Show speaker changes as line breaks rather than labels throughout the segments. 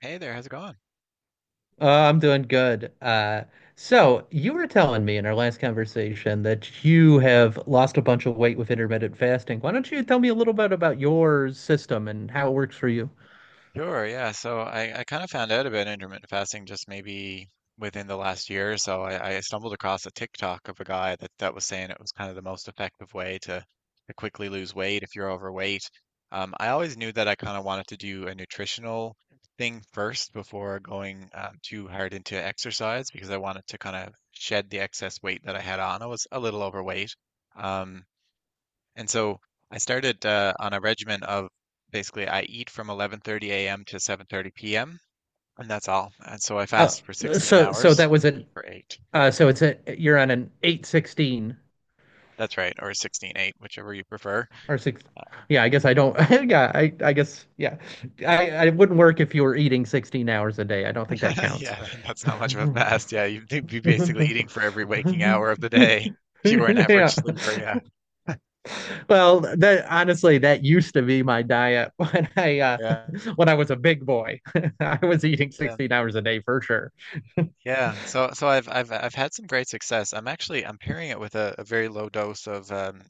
Hey there, how's it going?
I'm doing good. So you were telling me in our last conversation that you have lost a bunch of weight with intermittent fasting. Why don't you tell me a little bit about your system and how it works for you?
Sure, yeah. So I kind of found out about intermittent fasting just maybe within the last year or so. I stumbled across a TikTok of a guy that was saying it was kind of the most effective way to quickly lose weight if you're overweight. I always knew that I kind of wanted to do a nutritional thing first before going too hard into exercise because I wanted to kind of shed the excess weight that I had on. I was a little overweight. Um, And so I started on a regimen of, basically, I eat from 11:30 a.m. to 7:30 p.m., and that's all. And so I
Uh,
fast for 16
so
hours
that was
and
an
eat for eight.
so it's a you're on an 816
That's right, or 16:8, whichever you prefer.
or six. Yeah, I guess I don't. Yeah, I guess yeah. I wouldn't work if you were eating 16 hours a day. I don't think that counts.
Yeah, that's not much of a fast. Yeah, you'd be basically eating for every waking hour of the day if you were an average
Yeah.
sleeper. Yeah,
Well, that honestly, that used to be my diet when I
yeah,
when I was a big boy. I was eating
yeah.
16 hours a day for sure.
Yeah, so I've had some great success. I'm actually I'm pairing it with a very low dose of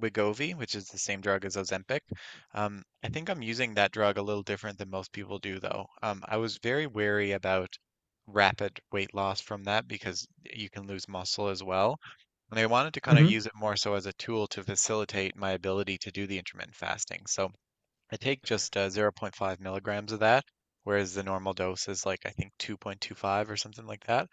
Wegovy, which is the same drug as Ozempic. I think I'm using that drug a little different than most people do, though. I was very wary about rapid weight loss from that because you can lose muscle as well. And I wanted to kind of
hmm
use it more so as a tool to facilitate my ability to do the intermittent fasting. So I take just zero point 0.5 milligrams of that, whereas the normal dose is like I think 2.25 or something like that.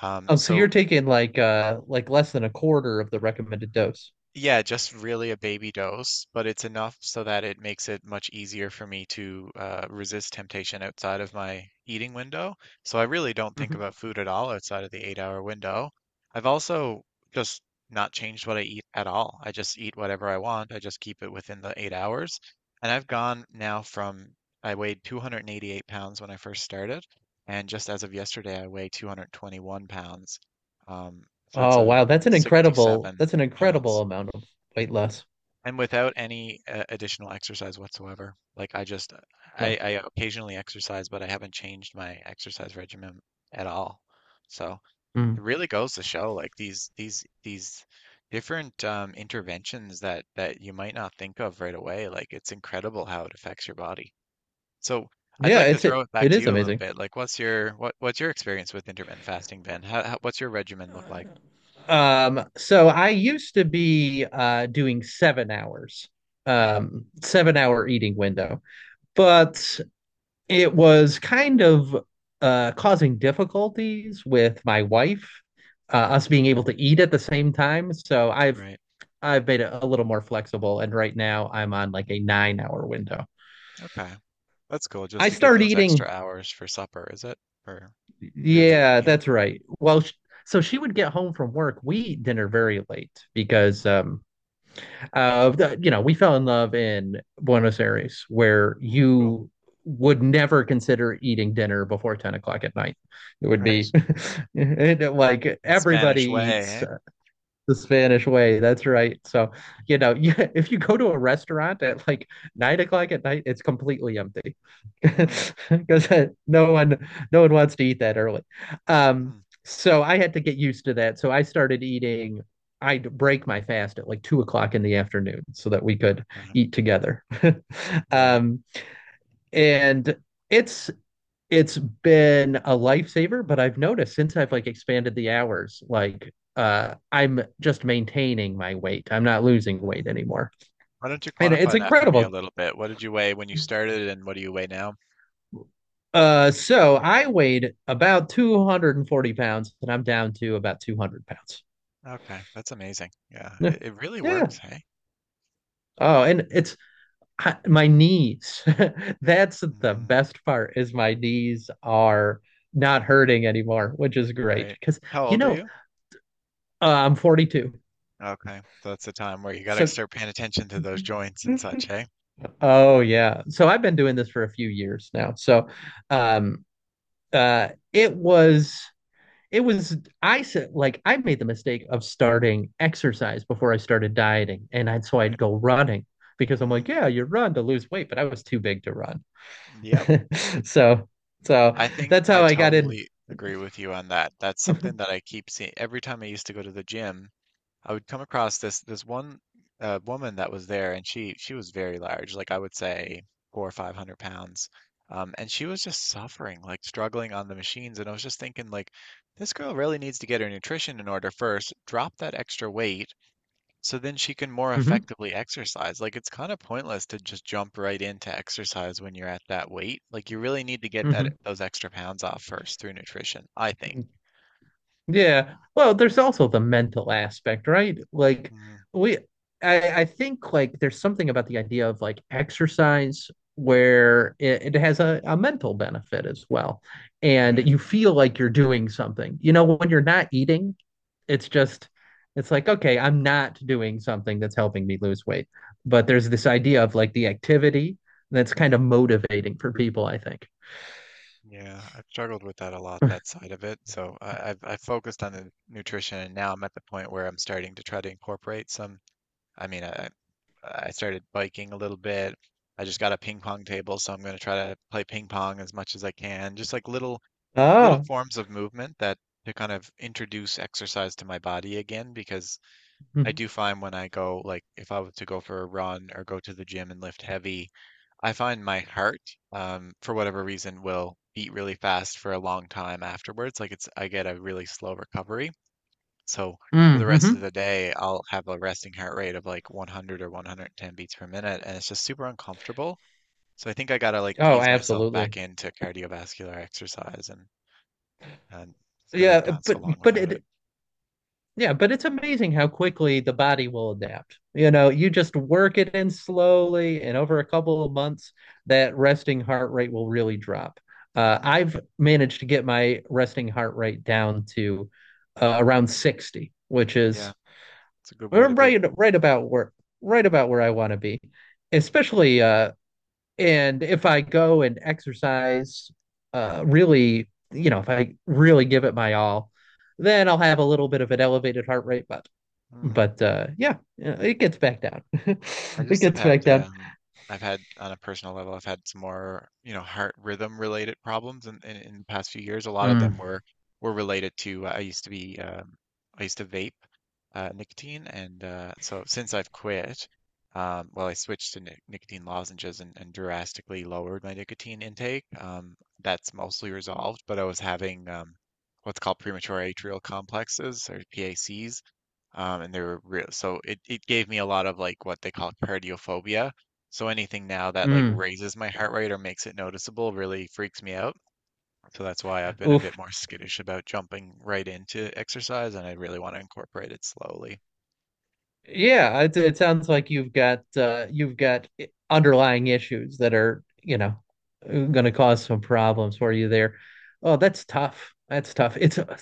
Oh, so
So.
you're taking like less than a quarter of the recommended dose.
Yeah, just really a baby dose, but it's enough so that it makes it much easier for me to resist temptation outside of my eating window. So I really don't think
Mhm.
about food at all outside of the 8-hour window. I've also just not changed what I eat at all. I just eat whatever I want. I just keep it within the 8 hours. And I've gone now from, I weighed 288 pounds when I first started. And just as of yesterday, I weigh 221 pounds. Um, so that's
Oh,
a
wow,
67
that's an incredible
pounds
amount of weight loss.
and without any additional exercise whatsoever. Like I just, I,
No.
I occasionally exercise, but I haven't changed my exercise regimen at all. So
Mm.
it really goes to show, like these different interventions that you might not think of right away. Like it's incredible how it affects your body. So. I'd
Yeah,
like to
it's
throw
it,
it back
it
to
is
you a little
amazing.
bit. Like, what's your experience with intermittent fasting, Ben? How, what's your regimen look
Uh,
like?
no. So I used to be doing 7 hours,
Hmm,
7 hour eating window. But it was kind of causing difficulties with my wife, us being able to eat at the same time. So I've
right.
I've made it a little more flexible, and right now I'm on like a 9 hour window.
Okay. That's cool,
I
just to give
start
those extra
eating.
hours for supper, is it? For your late
Yeah,
meal?
that's right. So she would get home from work. We eat dinner very late because you know, we fell in love in Buenos Aires, where
Mm, mm, cool.
you would never consider eating dinner before 10 o'clock at night. It would
Right.
be like everybody
Spanish way,
eats
eh?
the Spanish way. That's right. So, you know, you, if you go to a restaurant at like 9 o'clock at night, it's completely empty
Mm,
because no one, no one wants to eat that early. Um,
mm,
so I had to get used to that. So I started eating. I'd break my fast at like 2 o'clock in the afternoon so that we could
okay.
eat together.
Right.
Um, and it's been a lifesaver, but I've noticed since I've like expanded the hours, like I'm just maintaining my weight. I'm not
Mm.
losing weight anymore.
Why don't you
And it's
quantify that for me a
incredible.
little bit? What did you weigh when you started and what do you weigh now?
So I weighed about 240 pounds and I'm down to about 200 pounds.
Okay, that's amazing. Yeah,
Yeah.
it really
Yeah.
works, hey?
Oh, and it's I, my knees. That's the
Mm,
best part is my knees are not hurting anymore, which is great
right.
because
How
you
old are
know,
you?
I'm 42.
Okay, so that's the time where you got to
So
start paying attention to those joints and such, hey?
oh yeah. So I've been doing
Mhm,
this for a few years now. So
mm,
um uh it was it was I said like I made the mistake of starting exercise before I started dieting and I'd so I'd
right.
go running because I'm
Mm,
like, yeah, you run to lose weight, but I was too big to run.
yep.
So so
I think
that's
I
how I got in.
totally agree with you on that. That's something that I keep seeing. Every time I used to go to the gym, I would come across this one woman that was there, and she was very large, like I would say four or five hundred pounds, and she was just suffering, like struggling on the machines. And I was just thinking, like, this girl really needs to get her nutrition in order first, drop that extra weight, so then she can more
hmm
effectively exercise. Like it's kind of pointless to just jump right into exercise when you're at that weight. Like you really need to get
hmm
that those extra pounds off first through nutrition, I think.
Yeah. Well, there's also the mental aspect, right? Like
Mm,
we I think like there's something about the idea of like exercise where it has a mental benefit as well. And
right.
you feel like you're doing something. You know, when you're not eating, it's just, it's like, okay, I'm not doing something that's helping me lose weight. But there's this idea of like the activity that's kind of
Hmm.
motivating for people, I think.
Yeah, I've struggled with that a lot, that side of it. So I've focused on the nutrition, and now I'm at the point where I'm starting to try to incorporate some. I mean, I started biking a little bit. I just got a ping pong table, so I'm going to try to play ping pong as much as I can. Just like little
Oh.
forms of movement that to kind of introduce exercise to my body again, because I
Mm-hmm.
do find when I go, like if I were to go for a run or go to the gym and lift heavy, I find my heart for whatever reason will beat really fast for a long time afterwards. Like it's I get a really slow recovery. So for the rest of
Mm-hmm.
the day, I'll have a resting heart rate of like 100 or 110 beats per minute, and it's just super uncomfortable. So I think I gotta like
Oh,
ease myself
absolutely.
back into cardiovascular exercise, and and just because I have
Yeah,
gone so long
but
without it.
it Yeah, but it's amazing how quickly the body will adapt. You know, you just work it in slowly, and over a couple of months, that resting heart rate will really drop.
Hmm.
I've managed to get my resting heart rate down to around 60, which
Yeah,
is
it's a good way to be.
right right about where right about where I want to be. Especially and if I go and exercise, really, you know, if I really give it my all, then I'll have a little bit of an elevated heart rate, but
Mm.
but uh, yeah, yeah, it gets back down.
I
It
just have
gets
had
back down.
I've had, on a personal level, I've had some more, heart rhythm related problems in the past few years. A lot of them
Mm,
were related to I used to be I used to vape nicotine, and so since I've quit, well, I switched to nicotine lozenges, and drastically lowered my nicotine intake. That's mostly resolved, but I was having what's called premature atrial complexes, or PACs, and they were real. So it gave me a lot of like what they call cardiophobia. So anything now that like
mm,
raises my heart rate or makes it noticeable really freaks me out. So that's why I've been a bit
oof.
more skittish about jumping right into exercise, and I really want to incorporate it slowly.
Yeah, it sounds like you've got underlying issues that are, you know, going
Hmm,
to cause some problems for you there. Oh, that's tough. That's tough. It's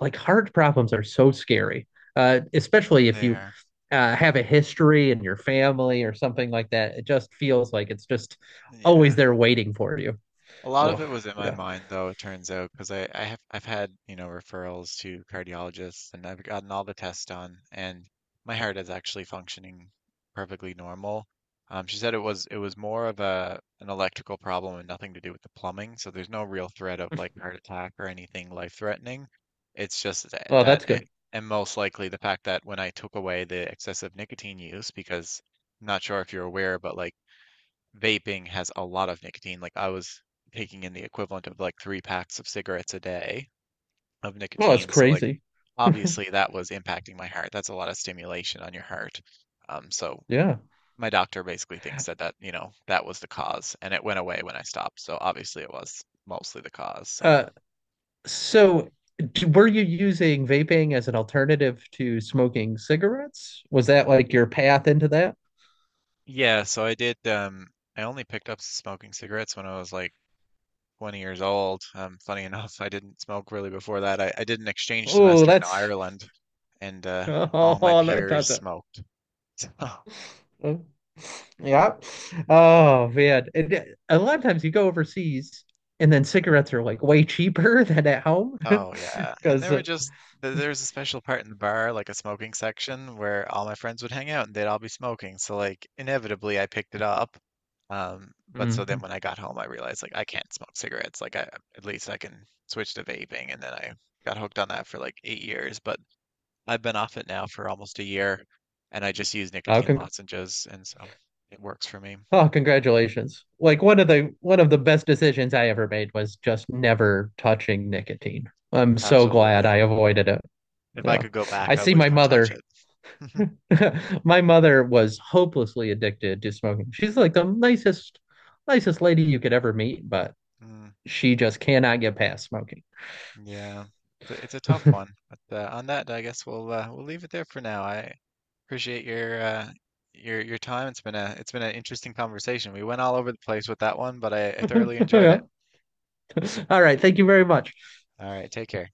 like heart problems are so scary, especially if you
there.
uh, have a history in your family or something like that. It just feels like it's just always
Yeah.
there waiting for you.
A lot of
Oh,
it was in my
yeah.
mind, though, it turns out, because I've had, referrals to cardiologists, and I've gotten all the tests done, and my heart is actually functioning perfectly normal. She said it was more of a an electrical problem, and nothing to do with the plumbing, so there's no real threat of like heart attack or anything life-threatening. It's just that,
Oh,
that
that's
a-
good.
and most likely the fact that when I took away the excessive nicotine use, because I'm not sure if you're aware, but like vaping has a lot of nicotine. Like I was taking in the equivalent of like three packs of cigarettes a day of
Well, that's
nicotine. So like
crazy.
obviously that was impacting my heart. That's a lot of stimulation on your heart. So
Yeah.
my doctor basically thinks that that was the cause, and it went away when I stopped. So obviously it was mostly the cause. So.
Uh, so d were you using vaping as an alternative to smoking cigarettes? Was that like your path into that?
Yeah, I only picked up smoking cigarettes when I was like 20 years old. Funny enough, I didn't smoke really before that. I did an exchange
Oh,
semester in
that's
Ireland, and all my
oh, that
peers
doesn't.
smoked. So,
Oh, yeah. Oh man. And a lot of times you go overseas and then
mm,
cigarettes are like way cheaper than at home
oh yeah, and
because
there were just th- there was a special part in the bar, like a smoking section, where all my friends would hang out and they'd all be smoking. So like inevitably, I picked it up. But so then
mm-hmm.
when I got home, I realized like I can't smoke cigarettes. Like I at least I can switch to vaping, and then I got hooked on that for like 8 years. But I've been off it now for almost a year, and I just use nicotine lozenges, and so it works for me.
Oh, congratulations. Like one of the best decisions I ever made was just never touching nicotine. I'm so glad
Absolutely.
I avoided it.
If I
Yeah.
could go
I
back, I
see
would
my
not touch
mother.
it.
My mother was hopelessly addicted to smoking. She's like nicest lady you could ever meet, but
Mm,
she just cannot get past smoking.
yeah, it's a tough one. But on that, I guess we'll we'll leave it there for now. I appreciate your time. It's been an interesting conversation. We went all over the place with that one, but I thoroughly enjoyed it.
Yeah. All right. Thank you very much.
All right, take care.